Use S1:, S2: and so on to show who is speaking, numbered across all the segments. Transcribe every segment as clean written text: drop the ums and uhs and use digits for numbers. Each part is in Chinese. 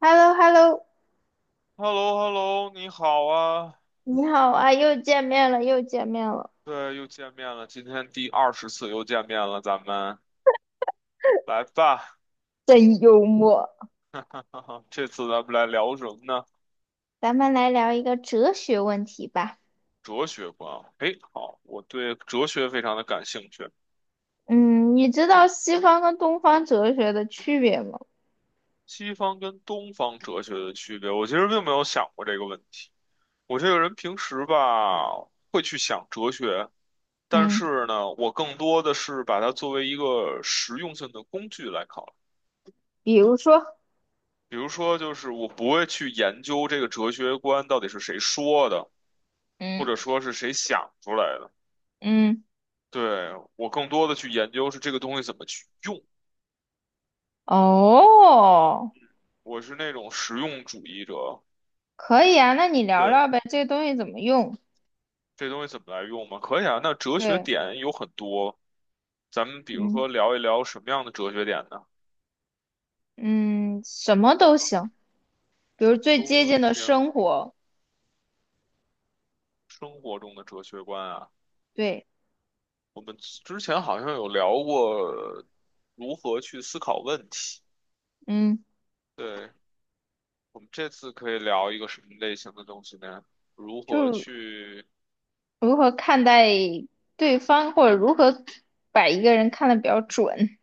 S1: h e l l o h e l l o
S2: h e l l o h e l l o 你好啊，
S1: 你好啊，又见面了，又见面了。
S2: 对，又见面了，今天第20次又见面了，咱们来吧，
S1: 真幽默。
S2: 这次咱们来聊什么呢？
S1: 咱们来聊一个哲学问题吧。
S2: 哲学观，哎，好，我对哲学非常的感兴趣。
S1: 嗯，你知道西方跟东方哲学的区别吗？
S2: 西方跟东方哲学的区别，我其实并没有想过这个问题。我这个人平时吧会去想哲学，但
S1: 嗯
S2: 是呢，我更多的是把它作为一个实用性的工具来考
S1: 比如说，
S2: 比如说，就是我不会去研究这个哲学观到底是谁说的，或
S1: 嗯
S2: 者说是谁想出来的。
S1: 嗯，
S2: 对，我更多的去研究是这个东西怎么去用。
S1: 哦，
S2: 我是那种实用主义者。
S1: 可以啊，那你聊
S2: 对，
S1: 聊呗，这个东西怎么用？
S2: 这东西怎么来用嘛？可以啊。那哲学
S1: 对，
S2: 点有很多，咱们比如
S1: 嗯
S2: 说聊一聊什么样的哲学点呢？
S1: 嗯，什么都行，比如
S2: 什么
S1: 最接
S2: 都
S1: 近的
S2: 行。
S1: 生活，
S2: 生活中的哲学观啊，
S1: 对，
S2: 我们之前好像有聊过如何去思考问题。
S1: 嗯，
S2: 对，我们这次可以聊一个什么类型的东西呢？如何
S1: 就
S2: 去，
S1: 如何看待对方，或者如何把一个人看得比较准。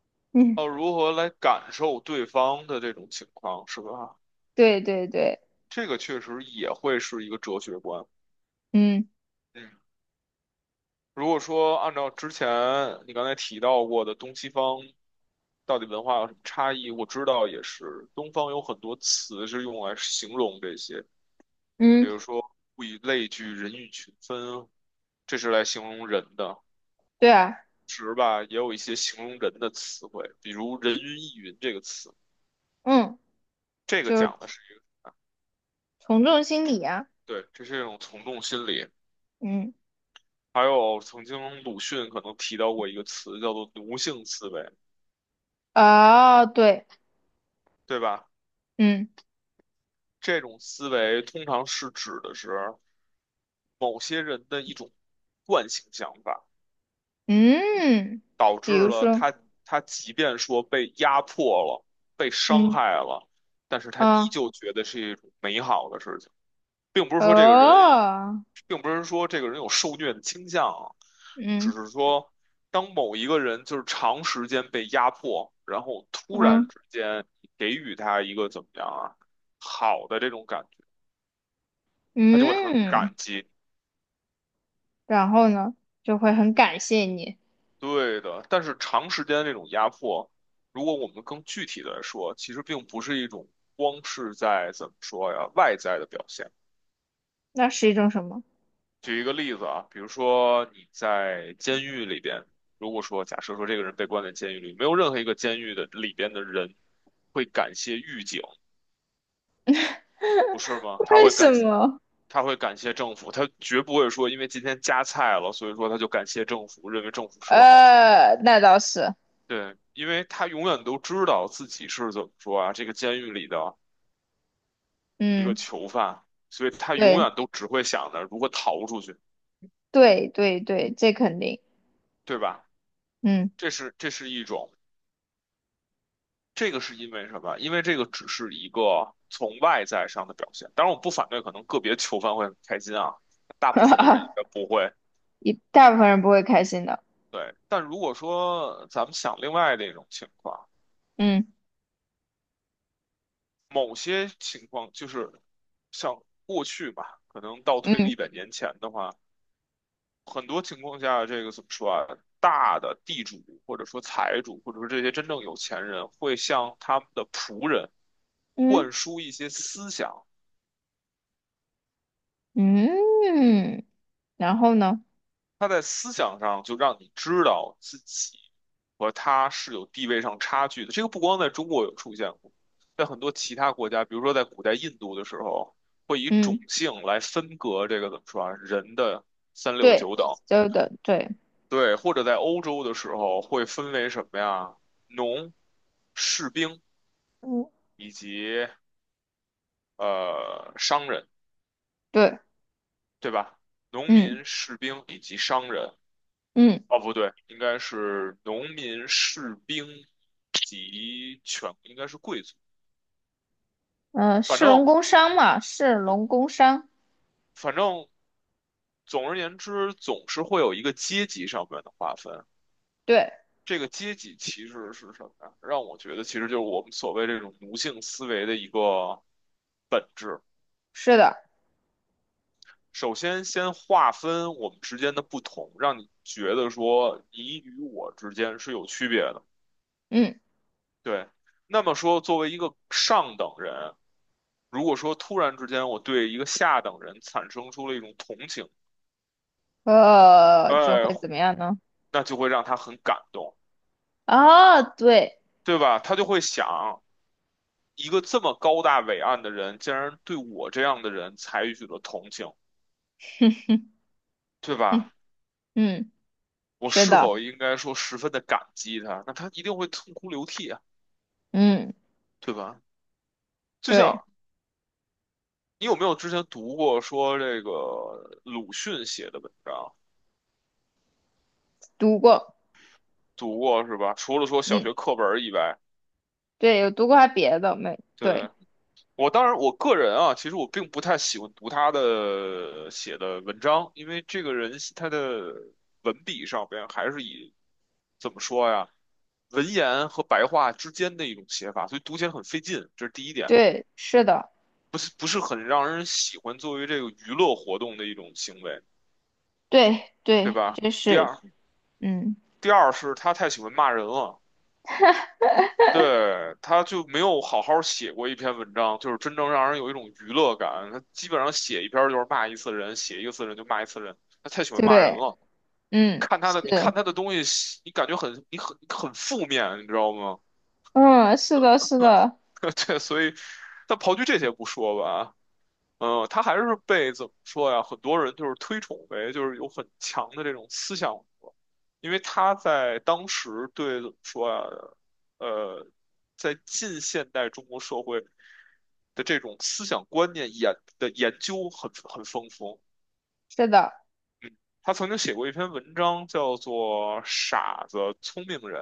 S1: 嗯，
S2: 哦，如何来感受对方的这种情况，是吧？
S1: 对对对，
S2: 这个确实也会是一个哲学观。
S1: 嗯
S2: 嗯，如果说按照之前你刚才提到过的东西方到底文化有什么差异，我知道也是，东方有很多词是用来形容这些，
S1: 嗯，
S2: 比如说物以类聚，人以群分，这是来形容人的。
S1: 对啊，
S2: 时吧，也有一些形容人的词汇，比如“人云亦云”这个词，
S1: 嗯，
S2: 这个
S1: 就是
S2: 讲的是一个。
S1: 从众心理啊，
S2: 对，这是一种从众心理。
S1: 嗯，
S2: 还有曾经鲁迅可能提到过一个词，叫做奴性思维，
S1: 哦，对，
S2: 对吧？
S1: 嗯
S2: 这种思维通常是指的是某些人的一种惯性想法，
S1: 嗯，
S2: 导
S1: 比
S2: 致
S1: 如
S2: 了
S1: 说，
S2: 他即便说被压迫了、被伤
S1: 嗯
S2: 害了，但是他依
S1: 啊
S2: 旧觉得是一种美好的事情。并不是说这个人，
S1: 哦，
S2: 并不是说这个人有受虐的倾向啊，只
S1: 嗯
S2: 是说当某一个人就是长时间被压迫，然后突然
S1: 嗯
S2: 之间给予他一个怎么样啊，好的这种感觉，他就会很
S1: 嗯，
S2: 感激。
S1: 然后呢，就会
S2: 嗯，
S1: 很感谢你，
S2: 对的。但是长时间这种压迫，如果我们更具体的说，其实并不是一种光是在怎么说呀，外在的表现。
S1: 那是一种什么？
S2: 举一个例子啊，比如说你在监狱里边，如果说假设说这个人被关在监狱里，没有任何一个监狱的里边的人会感谢狱警，不是吗？
S1: 为什么？
S2: 他会感谢政府，他绝不会说因为今天加菜了，所以说他就感谢政府，认为政府是个好。
S1: 那倒是，
S2: 对，因为他永远都知道自己是怎么说啊，这个监狱里的一个
S1: 嗯，
S2: 囚犯，所以他永
S1: 对。
S2: 远都只会想着如何逃出去，
S1: 对对对，这肯定，
S2: 对吧？
S1: 嗯，
S2: 这是一种。这个是因为什么？因为这个只是一个从外在上的表现。当然，我不反对，可能个别囚犯会很开心啊，大部分的人应该 不会。
S1: 一大部分人不会开心的，
S2: 对，但如果说咱们想另外的一种情况，
S1: 嗯
S2: 某些情况就是像过去吧，可能倒推个一
S1: 嗯
S2: 百年前的话，很多情况下，这个怎么说啊？大的地主或者说财主，或者说这些真正有钱人，会向他们的仆人
S1: 嗯
S2: 灌输一些思想。
S1: 嗯，然后呢，
S2: 他在思想上就让你知道自己和他是有地位上差距的。这个不光在中国有出现过，在很多其他国家，比如说在古代印度的时候，会以
S1: 嗯，
S2: 种姓来分隔这个怎么说啊，人的三六
S1: 对，
S2: 九等。
S1: 就的，对，
S2: 对，或者在欧洲的时候会分为什么呀？农、士兵
S1: 嗯，
S2: 以及商人，
S1: 对，
S2: 对吧？农
S1: 嗯
S2: 民、士兵以及商人。
S1: 嗯
S2: 哦，不对，应该是农民、士兵应该是贵族。
S1: 嗯
S2: 反
S1: 士
S2: 正
S1: 农工商嘛，士
S2: 对，
S1: 农工商，
S2: 反正总而言之，总是会有一个阶级上面的划分。
S1: 对，
S2: 这个阶级其实是什么呀？让我觉得其实就是我们所谓这种奴性思维的一个本质。
S1: 是的，
S2: 首先，先划分我们之间的不同，让你觉得说你与我之间是有区别的。
S1: 嗯，
S2: 对，那么说，作为一个上等人。如果说突然之间我对一个下等人产生出了一种同情，
S1: 就
S2: 哎，
S1: 会怎么样呢？
S2: 那就会让他很感动，
S1: 啊，对，
S2: 对吧？他就会想，一个这么高大伟岸的人，竟然对我这样的人采取了同情，对
S1: 嗯
S2: 吧？
S1: 嗯，
S2: 我
S1: 是
S2: 是
S1: 的，
S2: 否应该说十分的感激他？那他一定会痛哭流涕啊，
S1: 嗯，
S2: 对吧？就
S1: 对，
S2: 像你有没有之前读过说这个鲁迅写的文章？
S1: 读过，
S2: 读过是吧？除了说小
S1: 嗯，
S2: 学课本儿以外，
S1: 对，有读过还别的没？对
S2: 对。我当然，我个人啊，其实我并不太喜欢读他的写的文章，因为这个人他的文笔上边还是以怎么说呀，文言和白话之间的一种写法，所以读起来很费劲，这是第一点，
S1: 对，是的。
S2: 不是很让人喜欢作为这个娱乐活动的一种行为，
S1: 对
S2: 对
S1: 对，
S2: 吧？
S1: 就
S2: 第
S1: 是，
S2: 二，
S1: 嗯，
S2: 第二是他太喜欢骂人了。对，他就没有好好写过一篇文章，就是真正让人有一种娱乐感。他基本上写一篇就是骂一次人，写一个次人就骂一次人，他太喜欢骂人
S1: 对，
S2: 了。
S1: 嗯，
S2: 看他的，你
S1: 是，
S2: 看他的东西，你感觉很，你很负面，你知道吗？
S1: 嗯，是的，是的，
S2: 对，所以，但刨去这些不说吧，嗯，他还是被怎么说呀？很多人就是推崇为就是有很强的这种思想，因为他在当时对怎么说啊，呃，在近现代中国社会的这种思想观念研究很丰富。
S1: 是的，
S2: 他曾经写过一篇文章，叫做《傻子、聪明人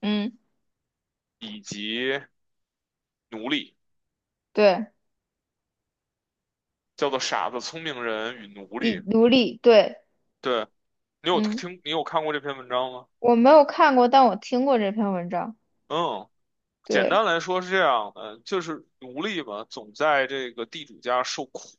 S1: 嗯，
S2: 以及奴隶》，
S1: 对，
S2: 叫做《傻子、聪明人与奴隶》。
S1: 以奴隶，对，
S2: 对，你有
S1: 嗯，
S2: 听，你有看过这篇文章吗？
S1: 我没有看过，但我听过这篇文章，
S2: 嗯，简
S1: 对，
S2: 单来说是这样的，就是奴隶嘛，总在这个地主家受苦。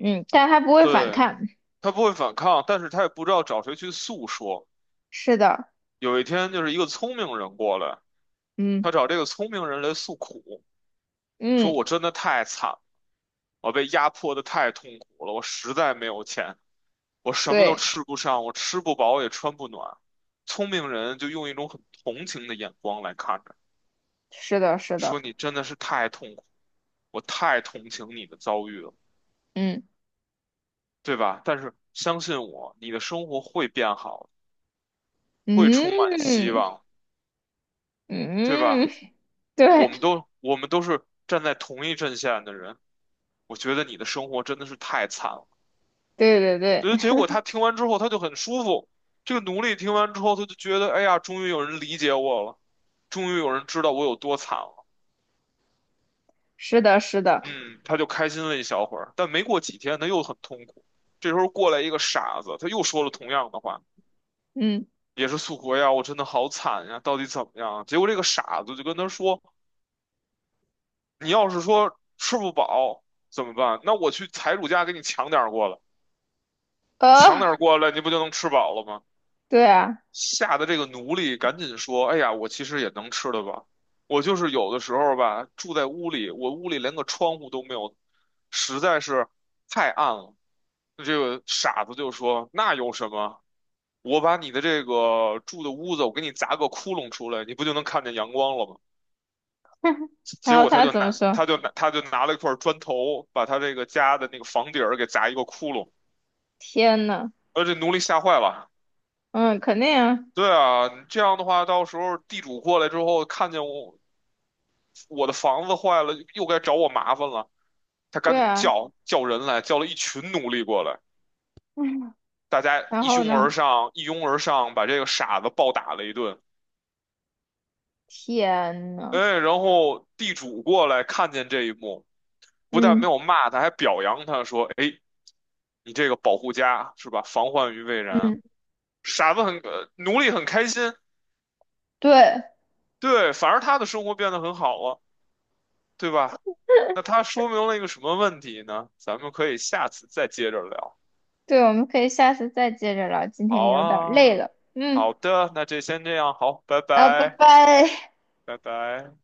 S1: 嗯，但他不会反
S2: 对，
S1: 抗，
S2: 他不会反抗，但是他也不知道找谁去诉说。
S1: 是的，
S2: 有一天，就是一个聪明人过来，
S1: 嗯
S2: 他找这个聪明人来诉苦，说
S1: 嗯，
S2: 我真的太惨了，我被压迫的太痛苦了，我实在没有钱，我什么都
S1: 对，
S2: 吃不上，我吃不饱也穿不暖。聪明人就用一种很同情的眼光来看着，
S1: 是的，是
S2: 说
S1: 的，
S2: 你真的是太痛苦，我太同情你的遭遇了，
S1: 嗯
S2: 对吧？但是相信我，你的生活会变好，会充满希
S1: 嗯
S2: 望，对
S1: 嗯，
S2: 吧？我
S1: 对
S2: 们都我们都是站在同一阵线的人，我觉得你的生活真的是太惨了。
S1: 对对对，
S2: 所以结果他听完之后，他就很舒服。这个奴隶听完之后，他就觉得，哎呀，终于有人理解我了，终于有人知道我有多惨了。
S1: 是的，是的，
S2: 嗯，他就开心了一小会儿，但没过几天，他又很痛苦。这时候过来一个傻子，他又说了同样的话，
S1: 嗯，
S2: 也是诉苦哎呀，我真的好惨呀，到底怎么样啊？结果这个傻子就跟他说，你要是说吃不饱怎么办？那我去财主家给你抢点儿过来。抢
S1: 呃，
S2: 点儿过来，你不就能吃饱了吗？
S1: 对啊，
S2: 吓得这个奴隶赶紧说：“哎呀，我其实也能吃的吧，我就是有的时候吧，住在屋里，我屋里连个窗户都没有，实在是太暗了。”那这个傻子就说：“那有什么？我把你的这个住的屋子，我给你砸个窟窿出来，你不就能看见阳光了吗？”
S1: 然
S2: 结
S1: 后
S2: 果
S1: 他怎么说？
S2: 他就拿了一块砖头，把他这个家的那个房顶儿给砸一个窟窿。
S1: 天呐！
S2: 呃，这奴隶吓坏了。
S1: 嗯，肯定啊。
S2: 对啊，这样的话，到时候地主过来之后，看见我的房子坏了，又该找我麻烦了。他赶
S1: 对
S2: 紧
S1: 啊，
S2: 叫人来，叫了一群奴隶过来，大家
S1: 然
S2: 一
S1: 后
S2: 拥而
S1: 呢？
S2: 上，一拥而上，把这个傻子暴打了一顿。
S1: 天呐，
S2: 哎，然后地主过来看见这一幕，不但没
S1: 嗯
S2: 有骂他，还表扬他说：“哎，你这个保护家是吧？防患于未然。”
S1: 嗯，
S2: 傻子很，呃奴隶很开心，
S1: 对，
S2: 对，反而他的生活变得很好了，对吧？那它说明了一个什么问题呢？咱们可以下次再接着聊。
S1: 对，我们可以下次再接着聊，今天
S2: 好
S1: 有点儿累
S2: 啊，
S1: 了，嗯，
S2: 好的，那这先这样，好，拜
S1: 啊，拜
S2: 拜，
S1: 拜。
S2: 拜拜。